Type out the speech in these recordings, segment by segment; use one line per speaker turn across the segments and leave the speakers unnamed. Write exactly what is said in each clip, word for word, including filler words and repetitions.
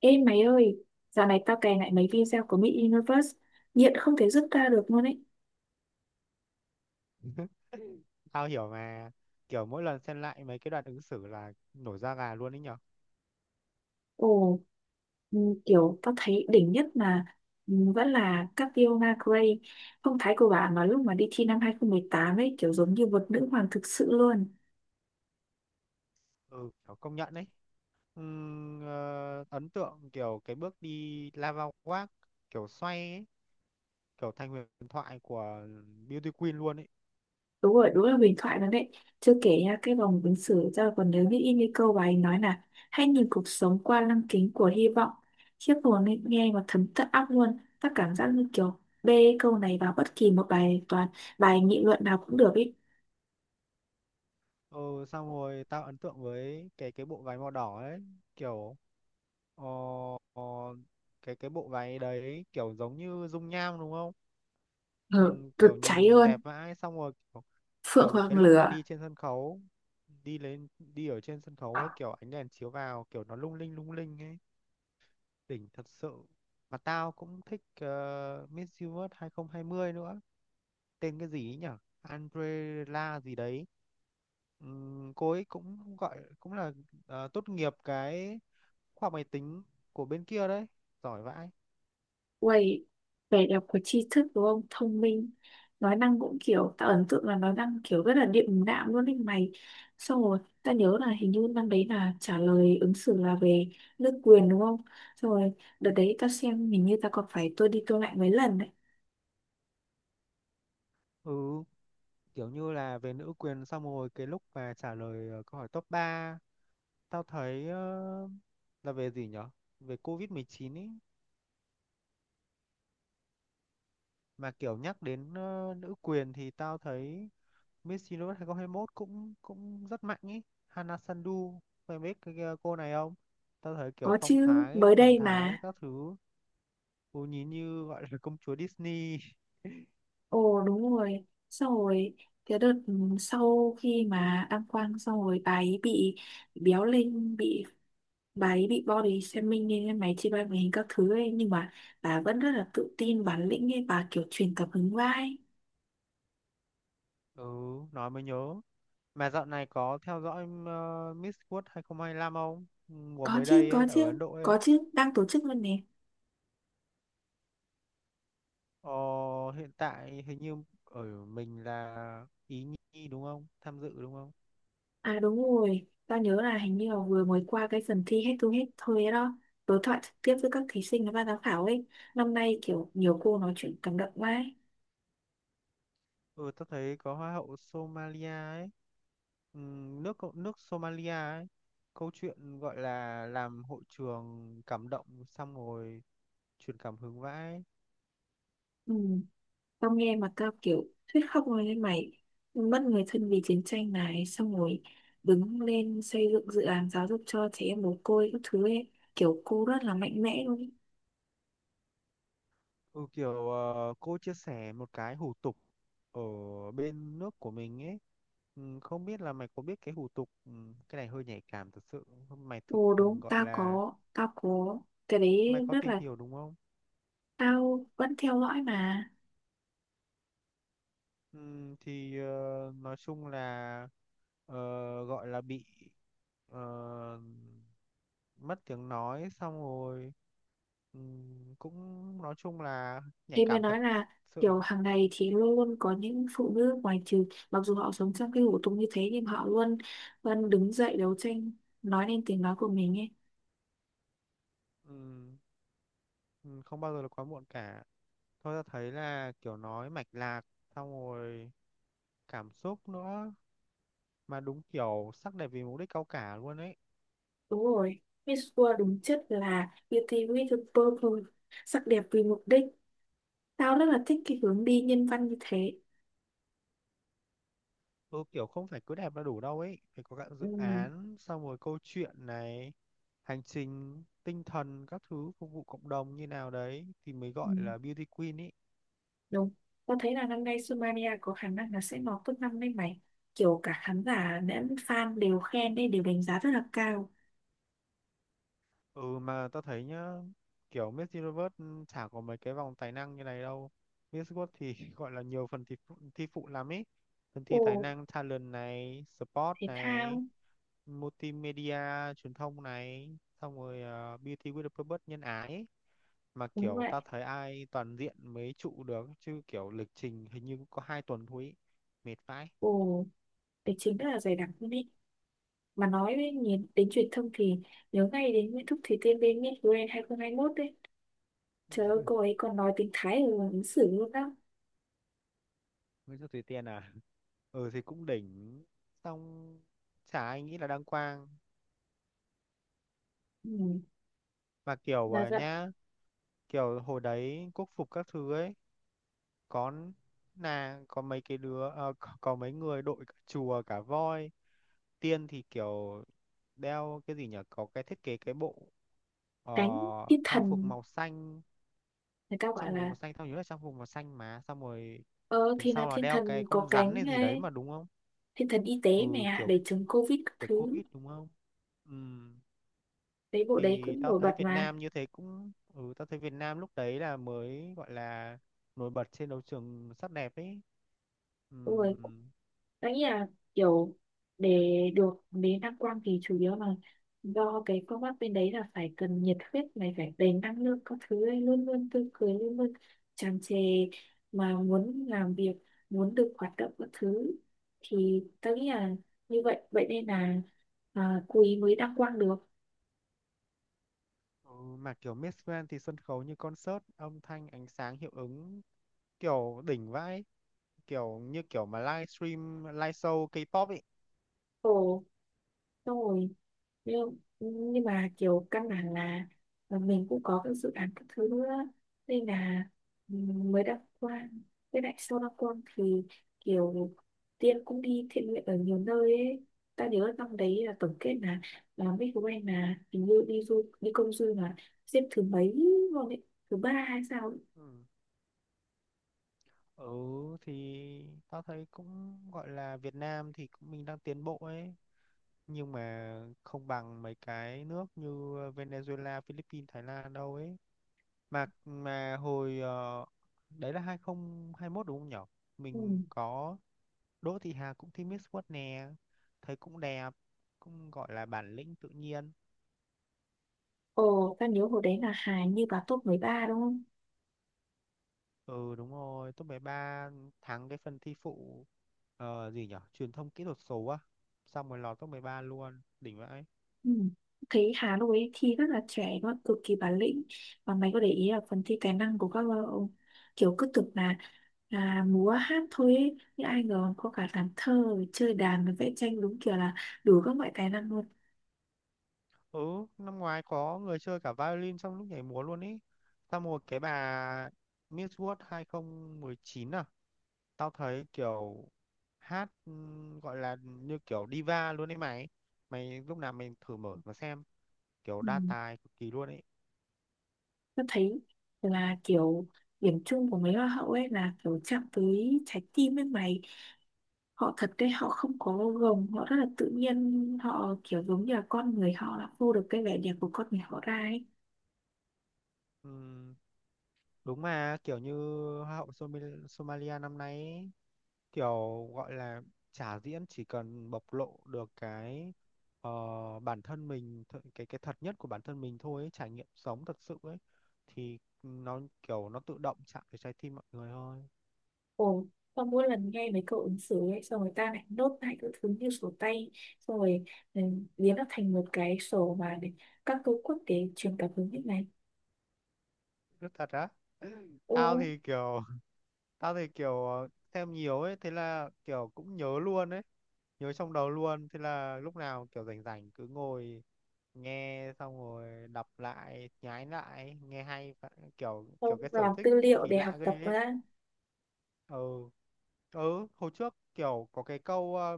Ê mày ơi, dạo này tao cày lại mấy video của Miss Universe, nghiện không thể dứt ra được luôn ấy.
Tao hiểu mà, kiểu mỗi lần xem lại mấy cái đoạn ứng xử là nổi da gà luôn ấy nhở.
Ồ, ừ, kiểu tao thấy đỉnh nhất mà ừ, vẫn là Catriona Gray, phong thái của bà mà lúc mà đi thi năm hai không một tám ấy, kiểu giống như một nữ hoàng thực sự luôn.
Ừ, kiểu công nhận đấy. Ừm, ờ, ấn tượng kiểu cái bước đi lava walk kiểu xoay ấy, kiểu thành huyền thoại của Beauty Queen luôn ấy.
Đúng rồi, đúng là huyền thoại luôn đấy, chưa kể nha, cái vòng ứng xử ra còn nhớ biết in cái câu bà ấy nói là hãy nhìn cuộc sống qua lăng kính của hy vọng. Khiếp hồn ấy, nghe mà thấm tận óc luôn, ta cảm giác như kiểu bê câu này vào bất kỳ một bài toán, bài nghị luận nào cũng được ấy.
Ừ, xong rồi tao ấn tượng với cái cái bộ váy màu đỏ ấy, kiểu ờ, ờ, cái cái bộ váy đấy kiểu giống như dung nham đúng không?
Ừ,
Ừm,
rực
kiểu
cháy
nhìn
luôn.
đẹp vãi, xong rồi
Phượng
kiểu cái
hoàng
lúc mà
lửa.
đi trên sân khấu, đi lên đi ở trên sân khấu ấy, kiểu ánh đèn chiếu vào kiểu nó lung linh lung linh ấy, đỉnh thật sự. Mà tao cũng thích ờ, Miss Universe hai không hai không nữa, tên cái gì ấy nhở, Andrela gì đấy. Ừm, cô ấy cũng gọi cũng là ờ, tốt nghiệp cái khoa học máy tính của bên kia đấy, giỏi vãi.
Uầy, vẻ đẹp của tri thức đúng không? Thông minh. Nói năng cũng kiểu, tạo ấn tượng là nói năng kiểu rất là điềm đạm luôn đấy mày. Xong rồi, ta nhớ là hình như năm đấy là trả lời ứng xử là về nước quyền đúng không? Xong rồi, đợt đấy ta xem hình như ta còn phải tua đi tua lại mấy lần đấy.
Ừ, kiểu như là về nữ quyền, xong rồi cái lúc mà trả lời ờ, câu hỏi top ba, tao thấy ờ, là về gì nhở? Về covid mười chín ý. Mà kiểu nhắc đến ờ, nữ quyền thì tao thấy Miss Universe hai không hai mốt cũng cũng rất mạnh ý. Hana Sandu, mày biết cái cái cô này không? Tao thấy kiểu
Có
phong
chứ,
thái,
mới
thần
đây
thái,
mà.
các thứ. Cô nhìn như gọi là công chúa Disney.
Ồ đúng rồi. Xong rồi, cái đợt ừ, sau khi mà đăng quang xong rồi bà ấy bị béo lên, bị bà ấy bị body shaming nên em máy chị bay hình các thứ ấy, nhưng mà bà vẫn rất là tự tin bản lĩnh ấy, bà kiểu truyền cảm hứng vai.
Ừ, nói mới nhớ. Mà dạo này có theo dõi ờ, Miss World hai không hai lăm không? Hai lăm không? Mùa
Có
mới
chứ,
đây ấy,
có
ở
chứ,
Ấn Độ ấy.
có chứ, đang tổ chức luôn nè.
Ờ, hiện tại hình như ở mình là Ý Nhi đúng không? Tham dự đúng không?
À đúng rồi, tao nhớ là hình như là vừa mới qua cái phần thi head to head thôi ấy đó, đối thoại trực tiếp với các thí sinh và ban giám khảo ấy. Năm nay kiểu nhiều cô nói chuyện cảm động quá ấy.
Ừ, tôi thấy có Hoa hậu Somalia ấy. Ừm, nước cộng- nước Somalia ấy. Câu chuyện gọi là làm hội trường cảm động, xong rồi truyền cảm hứng vãi.
Ừ. Tao nghe mà tao kiểu thuyết khóc rồi lên mày, mất người thân vì chiến tranh này, xong rồi đứng lên xây dựng dự án giáo dục cho trẻ em mồ côi các thứ ấy. Kiểu cô rất là mạnh mẽ luôn.
Ừ, kiểu ờ, cô chia sẻ một cái hủ tục ở bên nước của mình ấy. Ừm, không biết là mày có biết cái hủ tục, ừm, cái này hơi nhạy cảm thật sự. Mày thực
Ồ
ừ,
đúng,
gọi
tao
là
có tao có cái đấy
mày có
rất
tìm
là,
hiểu đúng không?
tao vẫn theo dõi mà.
Ừm, thì ờ, nói chung là ờ, gọi là bị ờ, mất tiếng nói, xong rồi ừm, cũng nói chung là nhạy
Thế mới
cảm thật
nói là
sự.
kiểu hàng ngày thì luôn luôn có những phụ nữ ngoài trừ mặc dù họ sống trong cái hủ tục như thế nhưng họ luôn vẫn đứng dậy đấu tranh nói lên tiếng nói của mình ấy.
Ừm, ừm, Không bao giờ là quá muộn cả, thôi ta thấy là kiểu nói mạch lạc, xong rồi cảm xúc nữa, mà đúng kiểu sắc đẹp vì mục đích cao cả luôn ấy.
Đúng rồi, Miss World đúng chất là Beauty with a Purpose, sắc đẹp vì mục đích. Tao rất là thích cái hướng đi nhân văn như thế.
Ừ, kiểu không phải cứ đẹp là đủ đâu ấy, phải có cả dự
Ừ,
án, xong rồi câu chuyện này, hành trình tinh thần các thứ, phục vụ cộng đồng như nào đấy thì mới
ừ,
gọi là beauty queen ý.
đúng. Tao thấy là năm nay Sumania có khả năng là sẽ lọt top năm đấy mày. Kiểu cả khán giả lẫn fan đều khen đấy, đều đánh giá rất là cao.
Ừ, mà tao thấy nhá, kiểu Miss Universe ừ, chả có mấy cái vòng tài năng như này đâu. Miss World thì gọi là nhiều phần thi phụ, thi phụ lắm ý, phần
Ồ,
thi tài năng talent này, sport
thể
này,
thao,
multimedia truyền thông này, xong rồi ờ, Beauty with a Purpose nhân ái ý. Mà
đúng
kiểu
vậy.
tao thấy ai toàn diện mới trụ được, chứ kiểu lịch trình hình như cũng có hai tuần thôi ý. Mệt vãi.
Ồ, tài chính rất là dày đặc luôn ý. Mà nói đến, nhìn- đến truyền thông thì nhớ ngay đến Nguyễn Thúc Thủy Tiên bên Miss Grand hai không hai mốt đấy. Trời ơi, cô ấy còn nói tiếng Thái ở ứng xử luôn đó.
Nguyễn Thị Thùy Tiên à. Ừ, thì cũng đỉnh, xong chả ai nghĩ là đăng quang.
Ừ,
Và kiểu
là
à,
dạng
nhá, kiểu hồi đấy quốc phục các thứ ấy, có là có mấy cái đứa, ờ, có, có mấy người đội cả chùa cả voi. Tiên thì kiểu đeo cái gì nhỉ? Có cái thiết kế cái bộ ờ,
cánh thiên
trang phục
thần,
màu xanh,
người ta
trang
gọi
phục
là,
màu xanh tao nhớ là trang phục màu xanh mà, xong rồi
ờ
đằng
thì là
sau là
thiên
đeo cái
thần có
con rắn
cánh
hay gì đấy
ấy,
mà, đúng không?
thiên thần y tế mẹ
Ừ,
ạ
kiểu
để chống covid các
kiểu
thứ.
Covid đúng không? Ừ.
Đấy bộ đấy
Thì
cũng
tao
nổi
thấy
bật
Việt
mà.
Nam như thế cũng ừ tao thấy Việt Nam lúc đấy là mới gọi là nổi bật trên đấu trường sắc đẹp ấy.
Đúng rồi.
Ừm,
Nghĩ là kiểu để được đến đăng quang thì chủ yếu là do cái công tác bên đấy là phải cần nhiệt huyết này, phải đầy năng lượng các thứ ấy, luôn luôn tươi cười, luôn luôn tràn trề, mà muốn làm việc, muốn được hoạt động các thứ, thì tôi nghĩ là như vậy, vậy nên là à, quý mới đăng quang được.
ừ, mà kiểu Miss Grand thì sân khấu như concert, âm thanh ánh sáng hiệu ứng kiểu đỉnh vãi, kiểu như kiểu mà livestream live show K-pop ấy.
Ồ xong rồi, nhưng, nhưng mà kiểu căn bản là là mình cũng có các dự án các thứ nữa nên là mới đăng quang. Với lại sau đăng quang thì kiểu Tiên cũng đi thiện nguyện ở nhiều nơi ấy. Ta nhớ năm đấy là tổng kết là là mấy của anh là hình như đi du đi công du là xếp thứ mấy luôn ấy, thứ ba hay sao ấy.
Ừ. Ừ, thì tao thấy cũng gọi là Việt Nam thì cũng mình đang tiến bộ ấy, nhưng mà không bằng mấy cái nước như Venezuela, Philippines, Thái Lan đâu ấy. Mà mà hồi ờ, đấy là hai không hai mốt đúng không nhỉ?
Ừ.
Mình có Đỗ Thị Hà cũng thi Miss World nè, thấy cũng đẹp, cũng gọi là bản lĩnh tự nhiên.
Ồ, ta nhớ hồi đấy là Hà như vào top mười ba đúng không?
Ừ, đúng rồi, top mười ba, thắng cái phần thi phụ ờ, gì nhỉ? Truyền thông kỹ thuật số á, xong rồi lọt top mười ba luôn, đỉnh vậy.
Ừ. Thấy Hà lúc ấy thi rất là trẻ luôn, cực kỳ bản lĩnh. Và mày có để ý là phần thi tài năng của các bạn không? Kiểu cứ tưởng là là múa hát thôi ấy, nhưng ai ngờ có cả làm thơ rồi chơi đàn rồi vẽ tranh, đúng kiểu là đủ các loại tài năng luôn.
Ừ, năm ngoái có người chơi cả violin trong lúc nhảy múa luôn ý, xong rồi cái bà Miss World hai không một chín à, tao thấy kiểu hát ừm, gọi là như kiểu diva luôn ấy mày. Mày lúc nào mình thử mở mà xem, kiểu
Ừ.
đa tài cực kỳ luôn ấy.
Tôi thấy là kiểu điểm chung của mấy hoa hậu ấy là kiểu chạm tới trái tim với mày, họ thật đấy, họ không có gồng, họ rất là tự nhiên, họ kiểu giống như là con người họ, là phô được cái vẻ đẹp của con người họ ra ấy.
Ừm, Đúng, mà kiểu như Hoa hậu Somi- Somalia năm nay ấy, kiểu gọi là trả diễn chỉ cần bộc lộ được cái ờ, bản thân mình, th- cái cái thật nhất của bản thân mình thôi ấy, trải nghiệm sống thật sự ấy, thì nó kiểu nó tự động chạm vào trái tim mọi người thôi.
Ồ, xong mỗi lần nghe mấy câu ứng xử ấy, xong người ta lại nốt lại các thứ như sổ tay, xong rồi ừ, biến nó thành một cái sổ mà để các câu quốc tế truyền cảm hứng như này.
Rất thật á. Tao
Ồ,
thì kiểu tao thì kiểu ờ, xem nhiều ấy, thế là kiểu cũng nhớ luôn ấy, nhớ trong đầu luôn, thế là lúc nào kiểu rảnh rảnh cứ ngồi nghe, xong rồi đọc lại, nhái lại, nghe hay và- kiểu
xong
kiểu cái sở
làm
thích
tư liệu
kỳ
để học
lạ ghê
tập
ấy.
ra.
Ừ, ừ, hồi trước kiểu có cái câu ờ,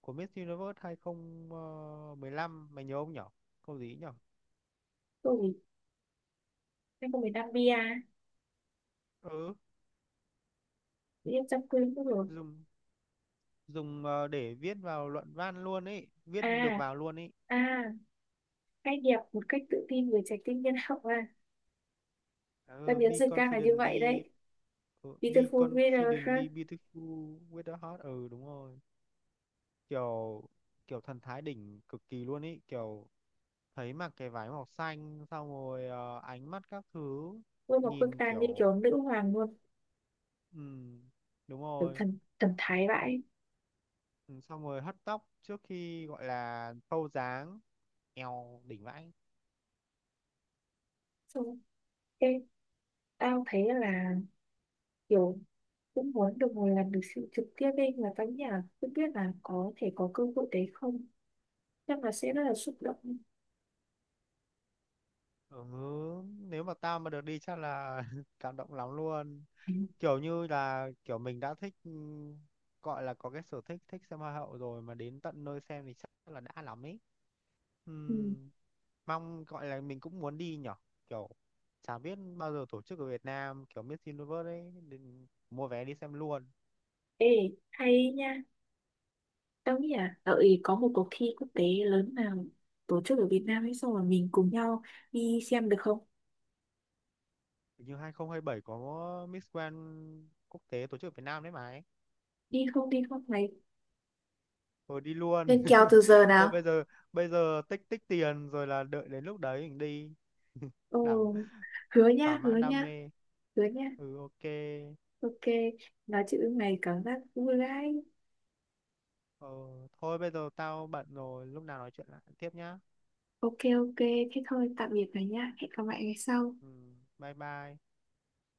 của Miss Universe hai không một lăm, mày nhớ không nhở, câu gì ấy nhở.
Ôi, em có miền Nam Bia,
Ừ,
em chăm quên mất rồi.
dùng dùng ờ, để viết vào luận văn luôn ấy, viết
À,
được vào luôn ấy.
à, cái đẹp một cách tự tin với trái tim nhân hậu à.
Ừ,
Ta biến
be
dịch ra là như vậy
confidently.
đấy.
Ờ, be
Beautiful Veneration,
confidently beautiful with a heart. Ừ, đúng rồi. Kiểu kiểu thần thái đỉnh cực kỳ luôn ý, kiểu thấy mặc cái váy màu xanh, xong rồi ờ, ánh mắt các thứ,
ôi một bức
nhìn
tàn như
kiểu
kiểu nữ hoàng luôn,
ừ đúng
kiểu
rồi.
thần, thần thái vãi.
Ừ, xong rồi hất tóc trước khi gọi là thâu dáng, eo đỉnh vãi.
Xong, cái tao thấy là kiểu cũng muốn được ngồi làm được sự trực tiếp ấy, là các nhà cũng biết là có thể có cơ hội đấy không, chắc là sẽ rất là xúc động.
Ừ, nếu mà tao mà được đi chắc là cảm động lắm luôn, kiểu như là kiểu mình đã thích, ừ, gọi là có cái sở thích thích xem hoa hậu rồi mà đến tận nơi xem thì chắc là đã lắm ấy.
Ừ.
Ừm, Mong gọi là mình cũng muốn đi nhở, kiểu chả biết bao giờ tổ chức ở Việt Nam kiểu Miss Universe ấy, nên mua vé đi xem luôn.
Ê, hay nha, tao nghĩ là đợi có một cuộc thi quốc tế lớn nào tổ chức ở Việt Nam ấy xong rồi mình cùng nhau đi xem được không?
Hình như hai không hai bảy có Miss Grand quốc tế tổ chức ở Việt Nam đấy mà ấy.
Đi không, đi không này?
Thôi đi luôn.
Lên kèo từ giờ
Thôi
nào?
bây giờ bây giờ tích tích tiền rồi là đợi đến lúc đấy mình đi. đảm
Ồ, hứa
Thỏa
nha, hứa
mãn đam
nha,
mê.
hứa nha.
Ừ, ok.
Ok, nói chuyện lúc này cảm giác vui đấy.
Ờ, thôi bây giờ tao bận rồi, lúc nào nói chuyện lại tiếp nhá.
Ok, ok, thế thôi, tạm biệt rồi nha. Hẹn gặp lại ngày sau.
Ừ, bye bye.